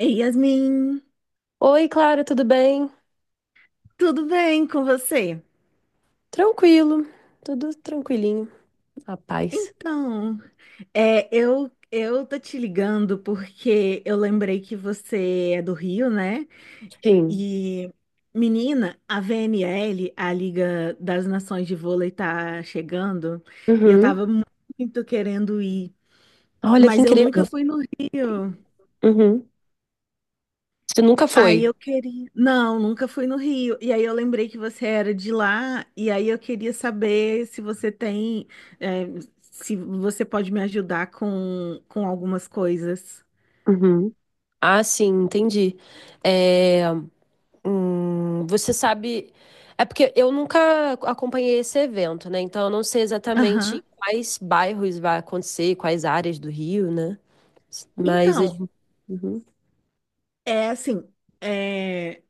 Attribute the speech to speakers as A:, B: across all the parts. A: Ei, Yasmin,
B: Oi, Clara, tudo bem?
A: tudo bem com você?
B: Tranquilo, tudo tranquilinho, a paz.
A: Então, eu tô te ligando porque eu lembrei que você é do Rio, né?
B: Sim.
A: E menina, a VNL, a Liga das Nações de Vôlei tá chegando e eu
B: Uhum.
A: tava muito querendo ir,
B: Olha que
A: mas eu nunca
B: incrível.
A: fui no Rio.
B: Uhum. Você nunca
A: Aí
B: foi?
A: eu queria. Não, nunca fui no Rio. E aí eu lembrei que você era de lá, e aí eu queria saber se você tem. é, Se você pode me ajudar com, algumas coisas.
B: Uhum. Ah, sim, entendi. É, você sabe. É porque eu nunca acompanhei esse evento, né? Então eu não sei
A: Aham.
B: exatamente quais bairros vai acontecer, quais áreas do Rio, né? Mas a
A: Então,
B: gente. Uhum.
A: é assim, é,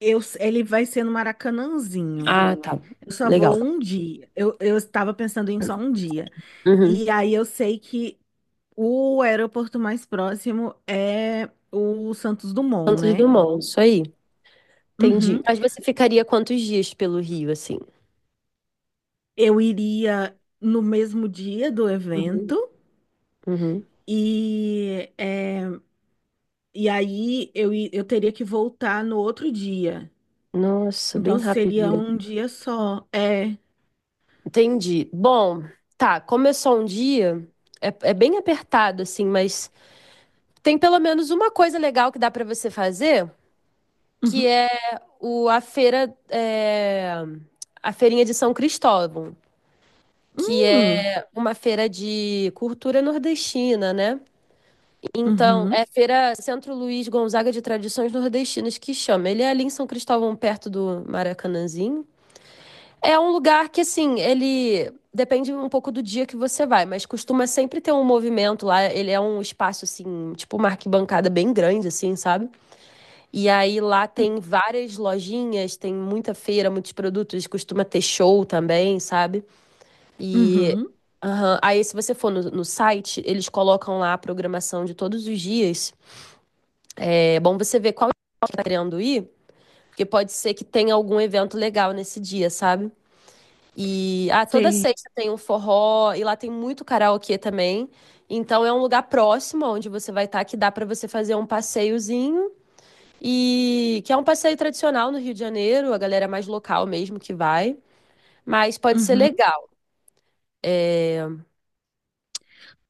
A: ele vai ser no Maracanãzinho.
B: Ah, tá.
A: Eu só
B: Legal.
A: vou um dia. Eu estava pensando em só um dia.
B: Uhum.
A: E aí eu sei que o aeroporto mais próximo é o Santos Dumont,
B: Santos
A: né?
B: Dumont, isso aí. Entendi.
A: Uhum.
B: Mas você ficaria quantos dias pelo Rio, assim?
A: Eu iria no mesmo dia do
B: Uhum.
A: evento
B: Uhum.
A: e, e aí eu teria que voltar no outro dia.
B: Nossa, bem
A: Então seria
B: rapidinho.
A: um dia só. É.
B: Entendi. Bom, tá, como é só um dia, é, é bem apertado, assim, mas tem pelo menos uma coisa legal que dá pra você fazer, que
A: Uhum.
B: é o, a feira, é, a feirinha de São Cristóvão, que
A: Hum.
B: é uma feira de cultura nordestina, né? Então, é
A: Uhum.
B: Feira Centro Luiz Gonzaga de Tradições Nordestinas que chama. Ele é ali em São Cristóvão, perto do Maracanãzinho. É um lugar que, assim, ele depende um pouco do dia que você vai, mas costuma sempre ter um movimento lá. Ele é um espaço, assim, tipo uma arquibancada bem grande, assim, sabe? E aí lá
A: Sim.
B: tem várias lojinhas, tem muita feira, muitos produtos, costuma ter show também, sabe? E
A: Uhum.
B: aham. Aí, se você for no, no site, eles colocam lá a programação de todos os dias. É bom você ver qual que tá querendo ir, porque pode ser que tenha algum evento legal nesse dia, sabe? E ah, toda
A: Sei.
B: sexta tem um forró e lá tem muito karaokê também. Então é um lugar próximo onde você vai estar que dá para você fazer um passeiozinho e que é um passeio tradicional no Rio de Janeiro, a galera mais local mesmo que vai, mas pode ser
A: Uhum.
B: legal.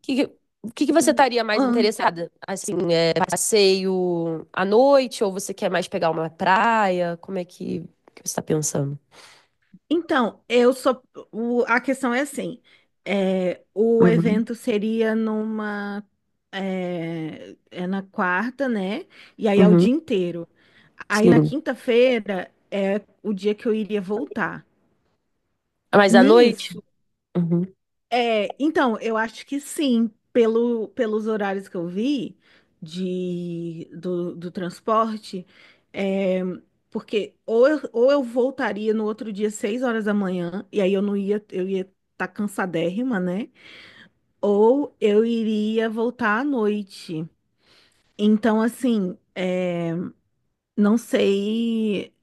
B: O que, o que que você estaria mais interessada? Assim, é passeio à noite ou você quer mais pegar uma praia? Como é que você está pensando?
A: Então, eu sou. A questão é assim: o
B: Uhum,
A: evento seria numa. É na quarta, né? E aí é o
B: uhum,
A: dia inteiro. Aí na
B: sim.
A: quinta-feira é o dia que eu iria voltar.
B: Mas à noite?
A: Nisso,
B: Uhum,
A: então, eu acho que sim, pelos horários que eu vi do transporte, é, porque ou eu voltaria no outro dia 6 horas da manhã, e aí eu não ia, eu ia estar cansadérrima, né? Ou eu iria voltar à noite. Então, assim, não sei.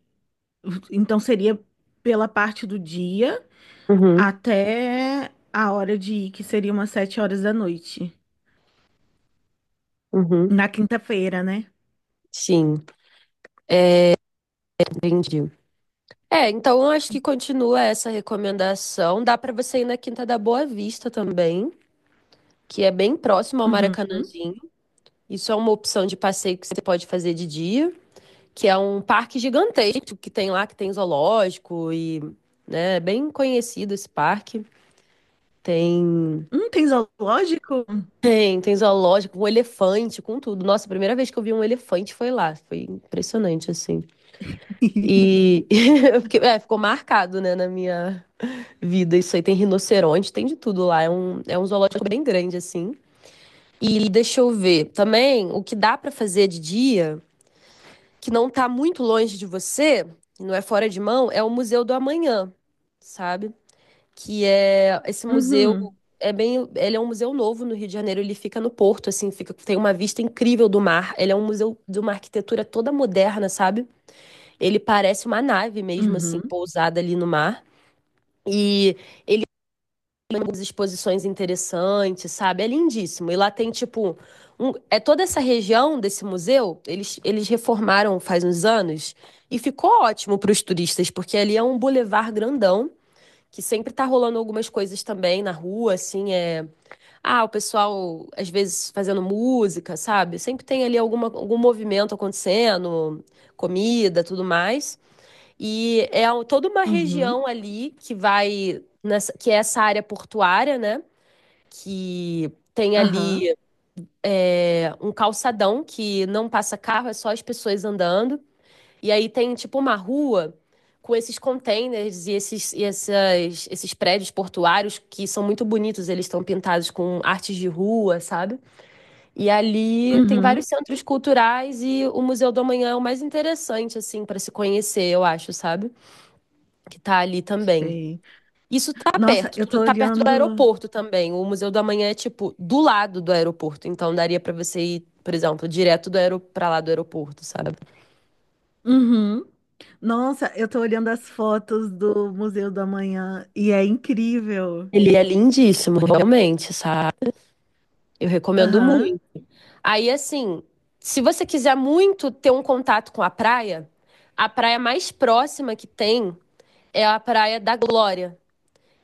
A: Então seria pela parte do dia
B: uhum,
A: até a hora de ir, que seria umas 7 horas da noite.
B: uhum,
A: Na quinta-feira, né?
B: sim, entendi. É, então eu acho que continua essa recomendação. Dá para você ir na Quinta da Boa Vista também, que é bem próximo ao
A: Uhum.
B: Maracanãzinho. Isso é uma opção de passeio que você pode fazer de dia, que é um parque gigantesco que tem lá, que tem zoológico e, né, é bem conhecido esse parque. Tem,
A: Tem zoológico?
B: tem, tem zoológico, com elefante, com tudo. Nossa, a primeira vez que eu vi um elefante foi lá. Foi impressionante, assim. E é, ficou marcado, né, na minha vida. Isso aí tem rinoceronte, tem de tudo lá. É um zoológico bem grande, assim. E deixa eu ver. Também, o que dá pra fazer de dia, que não tá muito longe de você, não é fora de mão, é o Museu do Amanhã, sabe? Que é esse museu.
A: Uhum.
B: É bem, ele é um museu novo no Rio de Janeiro, ele fica no Porto, assim, fica, tem uma vista incrível do mar. Ele é um museu de uma arquitetura toda moderna, sabe? Ele parece uma nave mesmo, assim,
A: Uhum.
B: pousada ali no mar. E tem algumas exposições interessantes, sabe? É lindíssimo. E lá tem, tipo, é toda essa região desse museu, eles reformaram faz uns anos e ficou ótimo para os turistas, porque ali é um bulevar grandão, que sempre tá rolando algumas coisas também na rua, assim, é... Ah, o pessoal, às vezes, fazendo música, sabe? Sempre tem ali alguma, algum movimento acontecendo, comida, tudo mais. E é toda uma
A: Uhum.
B: região ali que vai, que é essa área portuária, né? Que tem
A: Aham.
B: ali é, um calçadão que não passa carro, é só as pessoas andando. E aí tem tipo uma rua com esses containers e esses, esses prédios portuários que são muito bonitos, eles estão pintados com artes de rua, sabe? E ali tem vários
A: Uhum.
B: centros culturais e o Museu do Amanhã é o mais interessante, assim, para se conhecer, eu acho, sabe? Que tá ali também.
A: Sei.
B: Isso tá
A: Nossa,
B: perto,
A: eu
B: tudo
A: tô
B: tá perto do
A: olhando.
B: aeroporto também. O Museu do Amanhã é tipo do lado do aeroporto, então daria pra você ir, por exemplo, direto do aero para lá do aeroporto, sabe?
A: Uhum. Nossa, eu tô olhando as fotos do Museu do Amanhã e é incrível.
B: Ele é lindíssimo, realmente, sabe? Eu recomendo
A: Aham.
B: muito. Aí assim, se você quiser muito ter um contato com a praia mais próxima que tem é a Praia da Glória.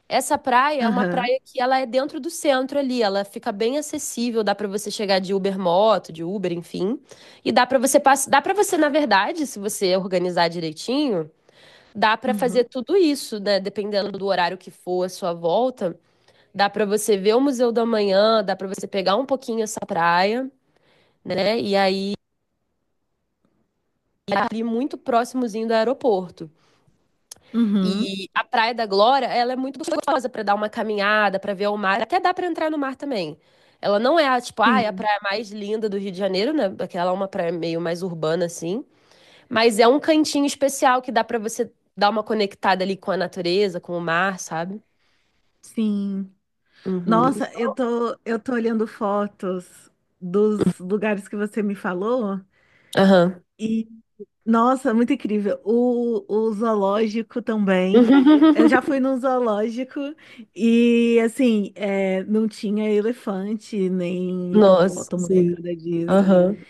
B: Essa praia é uma
A: Aham.
B: praia que ela é dentro do centro ali, ela fica bem acessível, dá pra você chegar de Uber moto, de Uber, enfim, e dá para você, na verdade, se você organizar direitinho, dá pra fazer
A: Uhum.
B: tudo isso, né? Dependendo do horário que for a sua volta, dá pra você ver o Museu da Manhã, dá pra você pegar um pouquinho essa praia, né? E aí é ali muito próximozinho do aeroporto.
A: Uhum.
B: E a Praia da Glória, ela é muito gostosa para dar uma caminhada, para ver o mar, até dá para entrar no mar também. Ela não é a, tipo, ah, é a
A: Sim,
B: praia mais linda do Rio de Janeiro, né? Porque ela é uma praia meio mais urbana assim, mas é um cantinho especial que dá para você dar uma conectada ali com a natureza, com o mar, sabe?
A: sim.
B: Uhum.
A: Nossa, eu tô olhando fotos dos lugares que você me falou.
B: Aham.
A: Nossa, muito incrível. O zoológico também. Eu já fui no zoológico e, assim, não tinha elefante, nem
B: Nossa,
A: hipopótamo, nem
B: sim.
A: nada disso.
B: Aham.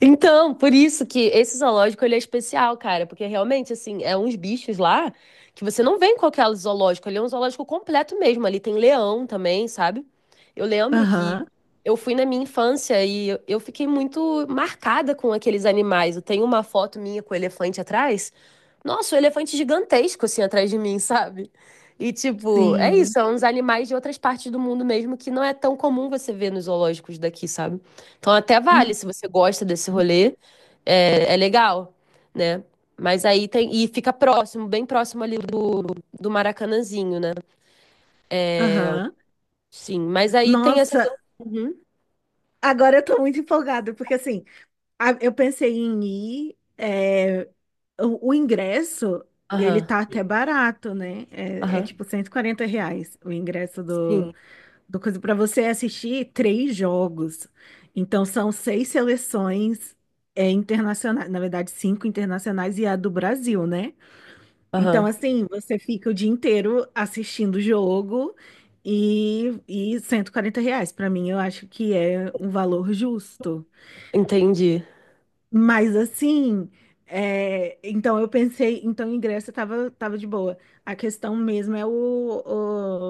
B: Então, por isso que esse zoológico ele é especial, cara, porque realmente assim, é uns bichos lá que você não vê em qualquer zoológico, ele é um zoológico completo mesmo, ali tem leão também, sabe? Eu lembro que
A: Aham,
B: eu fui na minha infância e eu fiquei muito marcada com aqueles animais. Eu tenho uma foto minha com o elefante atrás. Nossa, o elefante gigantesco assim atrás de mim, sabe? E tipo, é isso,
A: sim.
B: são uns animais de outras partes do mundo mesmo que não é tão comum você ver nos zoológicos daqui, sabe? Então até vale,
A: Uhum,
B: se você gosta desse rolê, é, é legal, né? Mas aí tem. E fica próximo, bem próximo ali do, do Maracanãzinho, né?
A: Aham.
B: Sim. Mas aí tem essas.
A: Nossa,
B: Uhum.
A: agora eu tô muito empolgada, porque, assim, eu pensei em ir. O ingresso, ele
B: Aham.
A: tá até barato, né? É
B: Aham.
A: tipo R$ 140 o ingresso.
B: Sim.
A: Uma coisa para você é assistir três jogos. Então são seis seleções internacionais, na verdade cinco internacionais e a do Brasil, né? Então
B: Aham.
A: assim, você fica o dia inteiro assistindo o jogo e R$ 140. Para mim, eu acho que é um valor justo.
B: Entendi.
A: Mas assim, então eu pensei, então em Grécia tava de boa. A questão mesmo é o,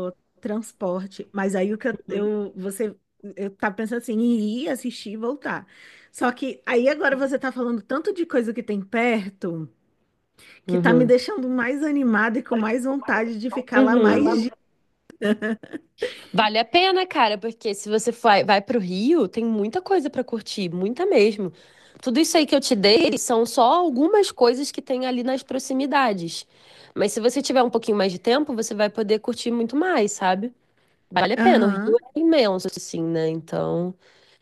A: o transporte. Mas aí o que eu- você eu tava pensando assim, em ir assistir e voltar. Só que aí agora você tá falando tanto de coisa que tem perto que tá me
B: Uhum.
A: deixando mais animada e com mais vontade de ficar lá mais
B: Uhum.
A: dias.
B: Vale a pena, cara, porque se você vai, vai pro Rio, tem muita coisa pra curtir, muita mesmo. Tudo isso aí que eu te dei são só algumas coisas que tem ali nas proximidades. Mas se você tiver um pouquinho mais de tempo, você vai poder curtir muito mais, sabe? Vale a pena. O Rio
A: Aham,
B: é imenso, assim, né? Então,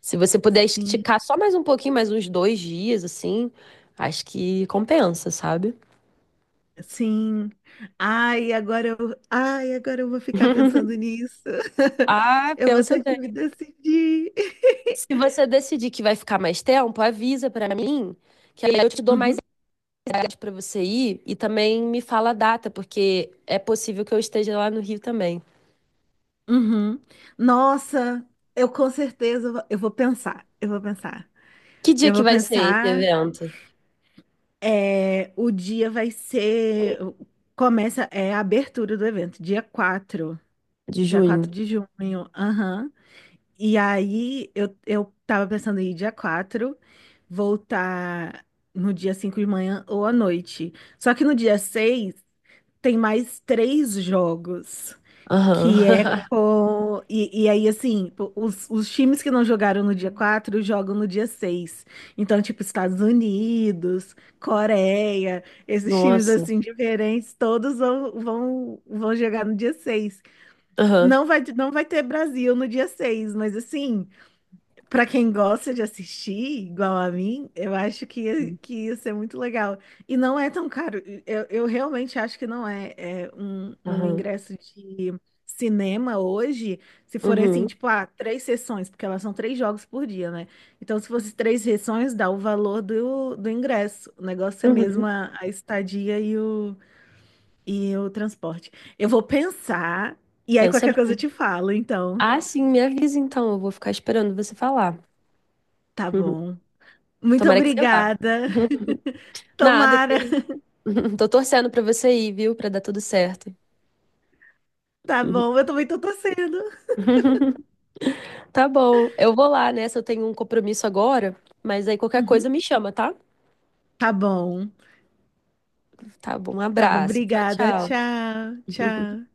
B: se você puder
A: sim.
B: esticar só mais um pouquinho, mais uns dois dias, assim, acho que compensa, sabe?
A: Sim. Ai, agora eu vou ficar pensando nisso.
B: Ah,
A: Eu vou
B: pensa
A: ter que
B: bem.
A: me decidir.
B: Se você decidir que vai ficar mais tempo, avisa pra mim, que aí eu te dou mais
A: Uhum,
B: idade pra você ir e também me fala a data, porque é possível que eu esteja lá no Rio também.
A: uhum. Nossa, eu com certeza eu vou pensar. Eu vou pensar.
B: Que dia
A: Eu
B: que
A: vou
B: vai ser esse
A: pensar.
B: evento?
A: É, o dia vai ser. Começa, é a abertura do evento, dia 4.
B: De
A: Dia
B: junho?
A: 4 de junho. Aham. E aí eu tava pensando em ir dia 4, voltar no dia 5 de manhã ou à noite. Só que no dia 6 tem mais três jogos,
B: Aham.
A: que é com... E aí, assim, pô, os times que não jogaram no dia 4 jogam no dia 6. Então, tipo, Estados Unidos, Coreia, esses times,
B: Nossa.
A: assim, diferentes, todos vão jogar no dia 6.
B: Aham.
A: Não vai ter Brasil no dia 6, mas assim... Pra quem gosta de assistir, igual a mim, eu acho que ia ser muito legal. E não é tão caro. Eu realmente acho que não é um
B: Aham.
A: ingresso de cinema hoje, se forem assim,
B: Uhum.
A: tipo, ah, três sessões, porque elas são três jogos por dia, né? Então, se fosse três sessões, dá o valor do ingresso. O negócio é
B: Uhum.
A: mesmo a estadia e o transporte. Eu vou pensar, e aí
B: Pensa
A: qualquer coisa eu
B: bem.
A: te falo, então.
B: Ah, sim, me avisa então, eu vou ficar esperando você falar.
A: Tá
B: Uhum.
A: bom. Muito
B: Tomara que você vá.
A: obrigada.
B: Nada, que
A: Tomara.
B: isso. Tô torcendo pra você ir, viu? Pra dar tudo certo.
A: Tá
B: Uhum.
A: bom, eu também tô torcendo.
B: Tá bom. Eu vou lá, né? Se eu tenho um compromisso agora, mas aí qualquer
A: Uhum.
B: coisa me chama, tá?
A: Tá bom,
B: Tá bom. Um
A: tá bom,
B: abraço. Tchau,
A: obrigada.
B: tá. Tchau.
A: Tchau, tchau.